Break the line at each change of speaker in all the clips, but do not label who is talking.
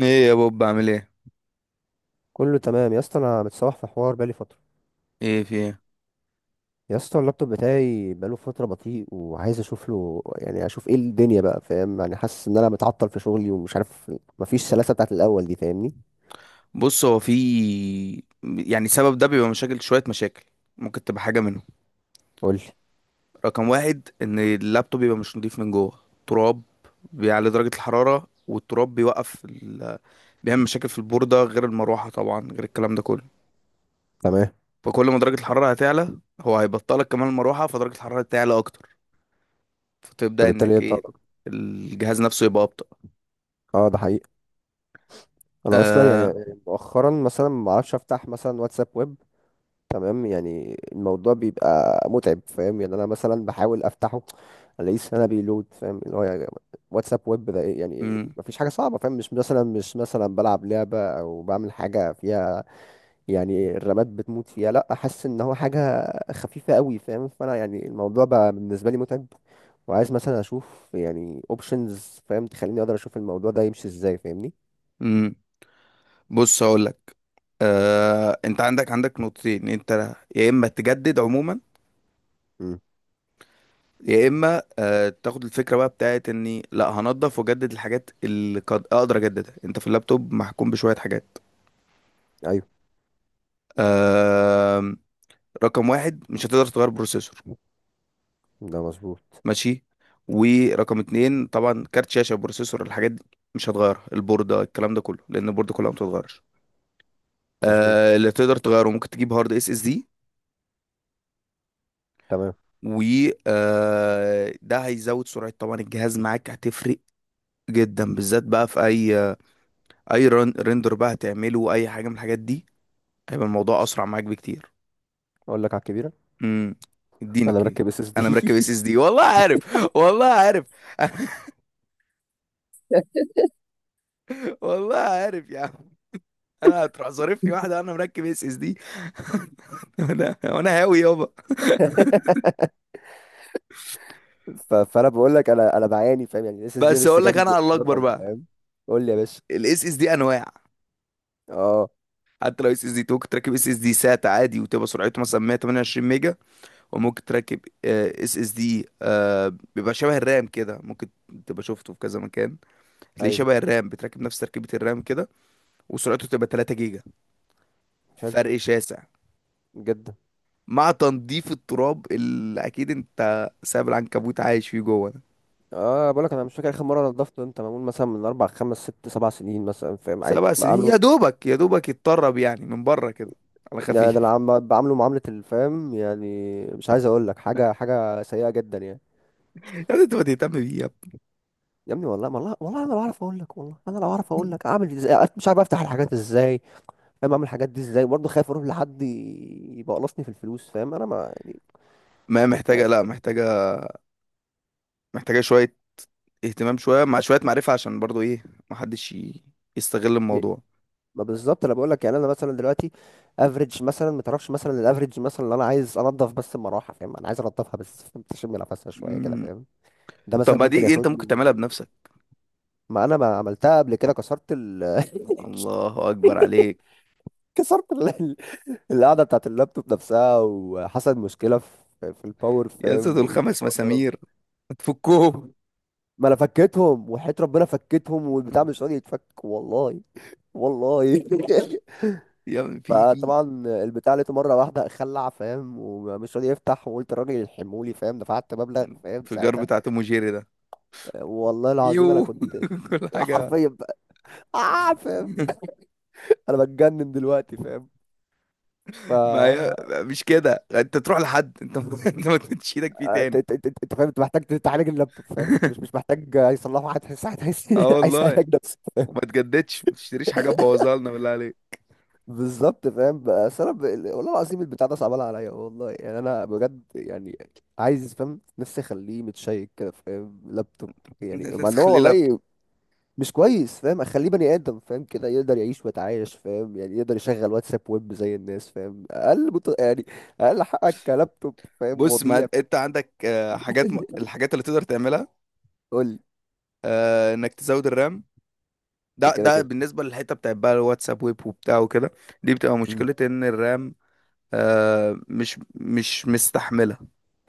ايه يا بوب بعمل ايه؟
كله تمام يا اسطى. انا متصوح في حوار بقالي فتره.
ايه في ايه؟
يا اسطى، اللابتوب بتاعي بقاله فتره بطيء، وعايز اشوف له. يعني اشوف ايه الدنيا بقى، فاهم؟ يعني حاسس ان انا متعطل في شغلي ومش عارف. مفيش سلاسه بتاعت الاول دي، فاهمني؟
بص، هو في يعني سبب ده بيبقى مشاكل، شوية مشاكل. ممكن تبقى حاجة منهم.
قول لي.
رقم واحد، ان اللابتوب بيبقى مش نضيف من جوه، تراب، بيعلي درجة الحرارة، والتراب بيعمل مشاكل في البوردة، غير المروحة طبعا، غير الكلام ده كله.
تمام.
فكل ما درجة الحرارة هتعلى، هو هيبطلك كمان المروحة، فدرجة الحرارة تعلى اكتر، فتبدأ
فبالتالي
انك
انت...
ايه، الجهاز نفسه يبقى ابطأ.
اه، ده حقيقي. انا اصلا يعني
آه...
مؤخرا مثلا ما اعرفش افتح مثلا واتساب ويب. تمام. يعني الموضوع بيبقى متعب، فاهم؟ يعني انا مثلا بحاول افتحه، الاقيه سنه بيلود، فاهم؟ اللي هو يعني واتساب ويب ده إيه؟ يعني
مم.
مفيش حاجه صعبه فاهم. مش مثلا مش مثلا بلعب لعبه او بعمل حاجه فيها يعني الرامات بتموت فيها. لا، احس ان هو حاجه خفيفه قوي فاهم. فانا يعني الموضوع بقى بالنسبه لي متعب. وعايز مثلا اشوف يعني اوبشنز، فاهم؟ تخليني اقدر اشوف الموضوع ده يمشي ازاي، فاهمني؟
مم. بص هقولك، انت عندك نقطتين. انت يا اما تجدد عموما،
امم.
يا اما تاخد الفكره بقى بتاعت اني لا هنضف واجدد الحاجات اللي قد اقدر اجددها. انت في اللابتوب محكوم بشويه حاجات.
ايوه.
آه، رقم واحد، مش هتقدر تغير بروسيسور.
ده مظبوط.
ماشي. ورقم اتنين طبعا، كارت شاشه، بروسيسور، الحاجات دي مش هتغيرها، البورده، الكلام ده كله، لان البورده كلها ما بتتغيرش.
مظبوط.
اللي تقدر تغيره، ممكن تجيب هارد اس اس دي.
تمام.
و ده هيزود سرعة طبعا الجهاز، معاك هتفرق جدا، بالذات بقى في رندر بقى هتعمله، اي حاجه من الحاجات دي، هيبقى الموضوع اسرع معاك بكتير.
اقول لك على الكبيره.
امم. اديني
انا
كده.
مركب SSD.
انا مركب اس اس دي. والله عارف، والله عارف. والله عارف يا عم. انا هتروح ظارفني واحده، انا مركب اس اس دي. انا هاوي يابا.
فانا بقول لك انا بعاني، فاهم؟ يعني الاس اس دي
بس
لسه
اقول لك انا
جايب
على، الله اكبر
رقم،
بقى.
فاهم؟ قول لي يا باشا.
الاس اس دي انواع.
اه.
حتى لو اس اس دي تو، كنت راكب اس اس دي سات عادي، وتبقى سرعته مثلا 128 ميجا. وممكن تركب اس اس دي بيبقى شبه الرام كده، ممكن تبقى شفته في كذا مكان، تلاقيه
ايوه.
شبه الرام، بتركب نفس تركيبة الرام كده، وسرعته تبقى 3 جيجا.
حلو.
فرق شاسع.
جدا.
مع تنظيف التراب اللي اكيد انت سايب العنكبوت عايش فيه جوه ده.
اه، بقول لك انا مش فاكر اخر مره نضفت. انت معمول مثلا من اربع خمس ست سبع سنين مثلا، فاهم؟ عادي
7 سنين؟
بعمله.
يا دوبك يا دوبك يتطرب يعني من بره كده، على
يعني ده انا
خفيف.
بعمله معامله الفهم يعني. مش عايز اقول لك حاجه. سيئه جدا يعني.
يا ابني انت ما تهتم بيه يا
يا ابني، والله والله والله انا لو اعرف اقول لك. والله انا لو اعرف اقول
ابني!
لك اعمل ازاي. أنا مش عارف افتح الحاجات ازاي، فاهم؟ اعمل الحاجات دي ازاي؟ برضه خايف اروح لحد يبقى قلصني في الفلوس، فاهم؟ انا ما يعني...
ما هي محتاجة،
يعني.
لا محتاجة، محتاجة شوية اهتمام، شوية مع شوية معرفة، عشان برضو ايه، محدش ي- يستغل
ي-
الموضوع.
ما بالظبط. انا بقول لك يعني انا مثلا دلوقتي افريج مثلا ما تعرفش مثلا. الافريج مثلا اللي انا عايز انضف بس المروحه، فاهم؟ انا عايز انضفها بس، فاهم؟ تشم نفسها شويه كده،
مم.
فاهم؟ ده
طب
مثلا
ما
ممكن
دي انت
ياخد
ممكن
لي...
تعملها بنفسك.
ما انا ما عملتها قبل كده. كسرت ال...
الله اكبر عليك.
كسرت القعده بتاعت اللابتوب نفسها، وحصل مشكله في الباور،
يا اسطى
فاهم؟
دول خمس
والباور ضرب.
مسامير هتفكهم.
ما انا فكيتهم، وحياة ربنا فكيتهم، والبتاع مش راضي يتفك، والله. والله.
يا ابني في
فطبعا البتاع لقيته مره واحده خلع، فاهم؟ ومش راضي يفتح. وقلت الراجل يلحمهولي، فاهم؟ دفعت مبلغ، فاهم؟
انفجار
ساعتها.
بتاع توم وجيري ده.
والله العظيم انا
يو.
كنت
كل حاجه.
حرفيا بقى... آه، فاهم. انا بتجنن دلوقتي، فاهم؟ ف
ما هي مش كده، انت تروح لحد، انت انت ما تمدش ايدك فيه
انت
تاني.
انت انت انت فاهم، انت محتاج تعالج اللابتوب، فاهم؟ انت مش مش محتاج يصلحه حد، ساعتها عايز
اه
عايز
والله.
يعالج نفسه، فاهم؟
وما تجددش، ما تشتريش حاجه تبوظها لنا بالله عليك.
بالظبط فاهم. بس انا والله العظيم البتاع ده صعبان عليا، والله يعني. انا بجد يعني، عايز فاهم نفسي اخليه متشيك كده، فاهم؟ لابتوب. يعني
انت
مع ان هو
تخلي لابتوب!
والله مش كويس فاهم. اخليه بني ادم، فاهم؟ كده يقدر يعيش ويتعايش، فاهم؟ يعني يقدر يشغل واتساب ويب زي الناس، فاهم؟ اقل يعني اقل حقك كلابتوب، فاهم؟
بص،
وضيع.
ما انت عندك حاجات، الحاجات اللي تقدر تعملها.
قول
انك تزود الرام.
لي.
ده
كده
ده
كده.
بالنسبه للحته بتاعت بقى الواتساب ويب وبتاع وكده، دي بتبقى
امم.
مشكله ان الرام مش مستحمله.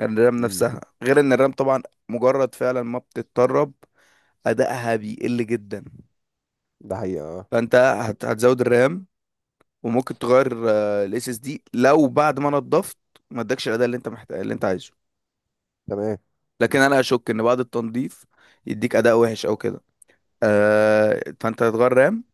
الرام
امم.
نفسها غير ان الرام طبعا مجرد فعلا ما بتتطرب، ادائها بيقل جدا.
ده حقيقة، اه.
فانت هتزود الرام، وممكن تغير الاس اس دي لو بعد ما نضفت ما ادكش الاداء اللي انت محتاج اللي انت عايزه.
تمام.
لكن انا اشك ان بعد التنظيف يديك اداء وحش او كده. آه، فانت هتغير رام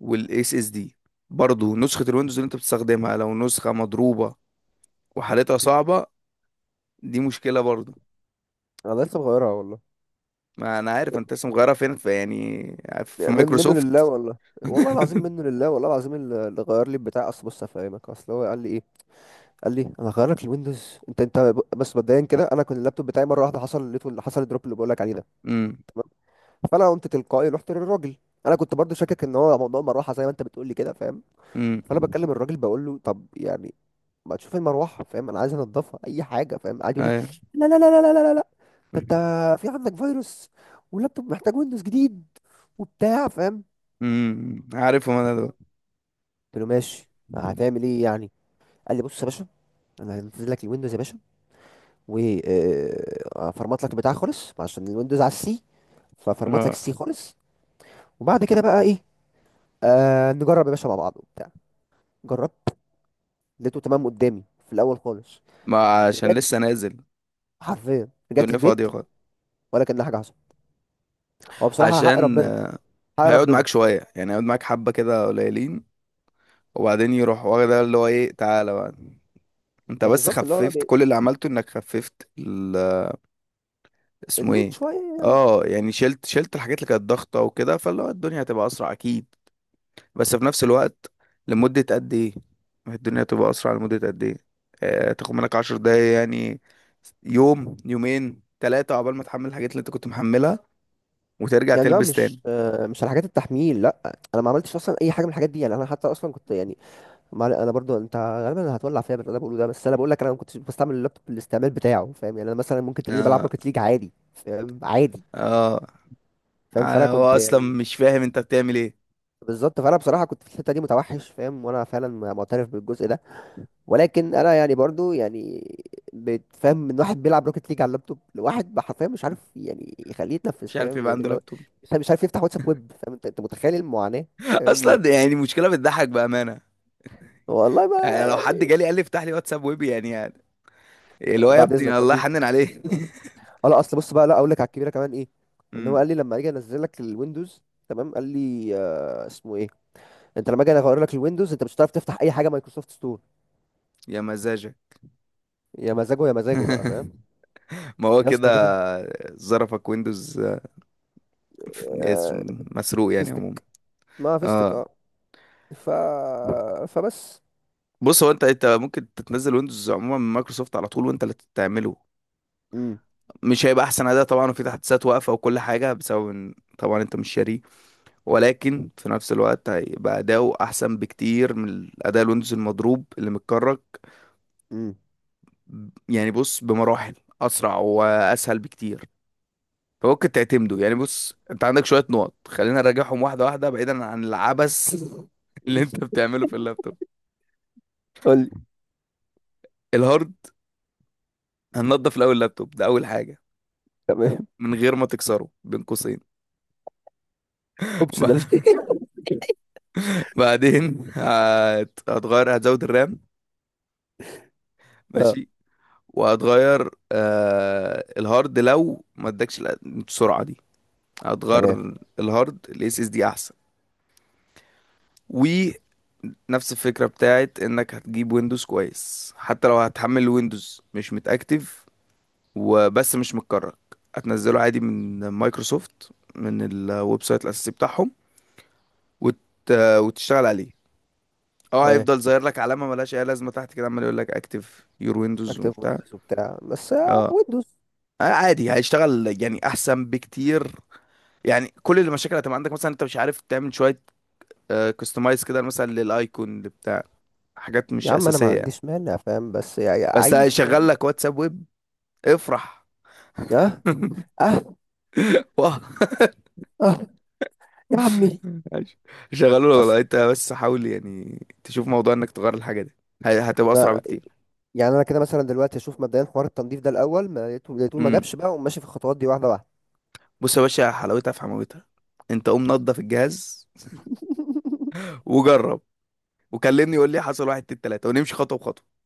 والاس اس دي. برضو نسخة الويندوز اللي انت بتستخدمها، لو نسخة مضروبة وحالتها صعبة، دي مشكلة برضو.
انا لسه مغيرها والله.
ما انا عارف انت لسه مغيرها فين، في يعني، في
من منه لله
مايكروسوفت.
والله. والله العظيم منه لله. والله العظيم. اللي غير لي البتاع، اصل بص افهمك. اصل هو قال لي ايه؟ قال لي انا هغير لك الويندوز. انت انت بس مبدئيا كده. انا كنت اللابتوب بتاعي مره واحده حصل لقيته. اللي حصل الدروب اللي بقول لك عليه ده.
امم.
فانا قمت تلقائي رحت للراجل. انا كنت برضو شاكك ان هو موضوع المروحه زي ما انت بتقول لي كده، فاهم؟
امم.
فانا بكلم الراجل، بقول له طب يعني ما تشوف المروحه، فاهم؟ انا عايز انضفها اي حاجه، فاهم؟ قاعد يقول لي
ايوه.
لا لا لا لا لا لا لا. ده انت في عندك فيروس، واللابتوب محتاج ويندوز جديد، وبتاع، فاهم؟
امم. عارفهم انا دول.
قلت له ماشي، هتعمل ايه يعني؟ قال لي بص يا باشا، انا هنزل لك الويندوز يا باشا، وفرمت لك البتاع خالص عشان الويندوز على السي، ففرمت لك
اه،
السي خالص. وبعد كده بقى ايه، نجرب يا باشا مع بعض وبتاع. جربت، لقيته تمام قدامي في الاول خالص.
ما عشان
رجعت،
لسه نازل،
حرفيا رجعت
الدنيا فاضية
البيت.
خالص.
ولا كان حاجه حصلت. هو بصراحه حق
عشان
ربنا. حق
هيقعد
ربنا.
معاك شوية، يعني هيقعد معاك حبة كده قليلين، وبعدين يروح واخد اللي هو ايه، تعالى بقى، انت
ما
بس
بالظبط. اللي هو بقى
خففت، كل اللي عملته انك خففت. اسمه
اللود
ايه،
شويه.
اه يعني شلت الحاجات اللي كانت ضغطة وكده، فاللي هو الدنيا هتبقى اسرع اكيد. بس في نفس الوقت، لمدة قد ايه؟ ما هي الدنيا هتبقى اسرع لمدة قد ايه؟ آه، تاخد منك 10 دقايق يعني، يوم يومين ثلاثة، عقبال ما تحمل الحاجات اللي انت كنت محملها وترجع
يعني لا،
تلبس تاني.
مش مش على حاجات التحميل. لا، انا ما عملتش اصلا اي حاجه من الحاجات دي يعني. انا حتى اصلا كنت يعني ما علي- انا برضو انت غالبا هتولع فيا باللي انا بقوله ده. بس انا بقول لك انا ما كنتش بستعمل اللابتوب بالاستعمال بتاعه، فاهم؟ يعني انا مثلا ممكن تلاقيني بلعب
اه.
روكيت ليج عادي، فاهم؟ عادي.
اه.
فاهم. فانا
أنا
كنت
هو اصلا
يعني...
مش فاهم انت بتعمل ايه.
بالظبط. فانا بصراحه كنت في الحته دي متوحش، فاهم؟ وانا فعلا معترف بالجزء ده. ولكن انا يعني برضو يعني بتفهم من واحد بيلعب روكيت ليج على اللابتوب لواحد حرفيا مش عارف يعني يخليه يتنفس،
مش عارف
فاهم؟
يبقى
يعني
عنده
لو
لابتوب!
مش عارف يفتح واتساب ويب، فاهم؟ انت انت متخيل المعاناه، فاهم؟ يعني
اصلا يعني مشكلة بتضحك بأمانة.
والله ما...
يعني لو حد جالي قال لي افتح لي واتساب ويبي، يعني, اللي هو يا
بعد
ابني
اذنك
الله يحنن
ارجوك.
عليه.
اه لا، اصل بص بقى، لا اقول لك على الكبيره كمان ايه. ان هو
مم.
قال لي لما اجي انزل لك الويندوز، تمام، قال لي اسمه ايه. انت لما اجي اغير لك الويندوز انت مش هتعرف تفتح اي حاجه مايكروسوفت ستور.
يا مزاجك.
يا مزاجه يا مزاجه بقى، فاهم؟
ما هو
يا
كده.
اسطى جيت.
ظرفك ويندوز،
آه.
اسم- مسروق يعني عموما.
فيستك، ما فيستك
اه.
اه. ف فبس.
بص، هو انت ممكن تتنزل ويندوز عموما من مايكروسوفت على طول وانت اللي تعمله.
امم.
مش هيبقى احسن اداء طبعا، وفي تحديثات واقفه، وكل حاجه بسبب ان طبعا انت مش شاريه. ولكن في نفس الوقت هيبقى اداؤه احسن بكتير من اداء الويندوز المضروب اللي متكرك.
امم.
يعني بص، بمراحل اسرع واسهل بكتير. فممكن تعتمده. يعني بص، انت عندك شويه نقط، خلينا نراجعهم واحده واحده، بعيدا عن العبث اللي انت بتعمله في اللابتوب.
قول لي.
الهارد، هننضف الاول اللابتوب ده اول حاجه،
تمام.
من غير ما تكسره بين قوسين. ب-
اوبشنال.
بعدين هتغير، هتزود الرام.
اه.
ماشي. وهتغير الهارد، لو ما ادكش السرعه دي،
تمام.
هتغير الهارد الاس اس دي احسن. و نفس الفكرة بتاعت انك هتجيب ويندوز كويس. حتى لو هتحمل ويندوز مش متأكتف وبس مش متكرر، هتنزله عادي من مايكروسوفت، من الويب سايت الاساسي بتاعهم، وت... وتشتغل عليه. اه،
تمام.
هيفضل ظاهر لك علامه ملهاش اي لازمه تحت كده، عمال يقول لك اكتف يور ويندوز
اكتب
وبتاع.
ويندوز وبتاع بس،
اه،
ويندوز.
عادي هيشتغل يعني احسن بكتير. يعني كل المشاكل هتبقى عندك مثلا انت مش عارف تعمل شويه كستمايز كده مثلا للايكون اللي بتاع، حاجات
يا
مش
عم انا ما
اساسيه يعني.
عنديش مانع، فاهم؟ بس يا
بس
عيش،
هيشغل
فاهم؟
لك واتساب ويب، افرح.
اه. اه.
واه.
اه. يا عمي.
ماشي. شغلوا له
أصل...
والله، انت بس حاول يعني تشوف موضوع انك تغير الحاجه دي، هتبقى اسرع
آه،
بكتير.
يعني انا كده مثلا دلوقتي اشوف مبدئيا حوار التنظيف ده الاول. ما لقيته لقيته ما
امم.
جابش بقى، وماشي في الخطوات دي واحده واحده.
بص يا باشا، حلاوتها في حماوتها، انت قوم نضف الجهاز وجرب، وكلمني يقول لي حصل واحد اتنين تلاته، ونمشي خطوه بخطوه.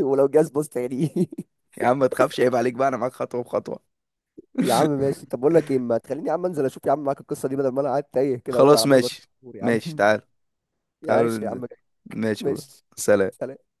ولو جاز بص يعني.
يا عم ما تخافش، عيب عليك بقى، انا معاك خطوه بخطوه.
يا عم ماشي. طب بقول لك ايه، ما تخليني يا عم انزل اشوف يا عم معاك القصه دي، بدل ما انا قاعد تايه كده اهو
خلاص
عمال بدور.
ماشي.
يا عم.
ماشي تعال، تعالوا
معلش يا
ننزل.
عم.
ماشي يا بابا.
ماشي.
سلام.
سلام.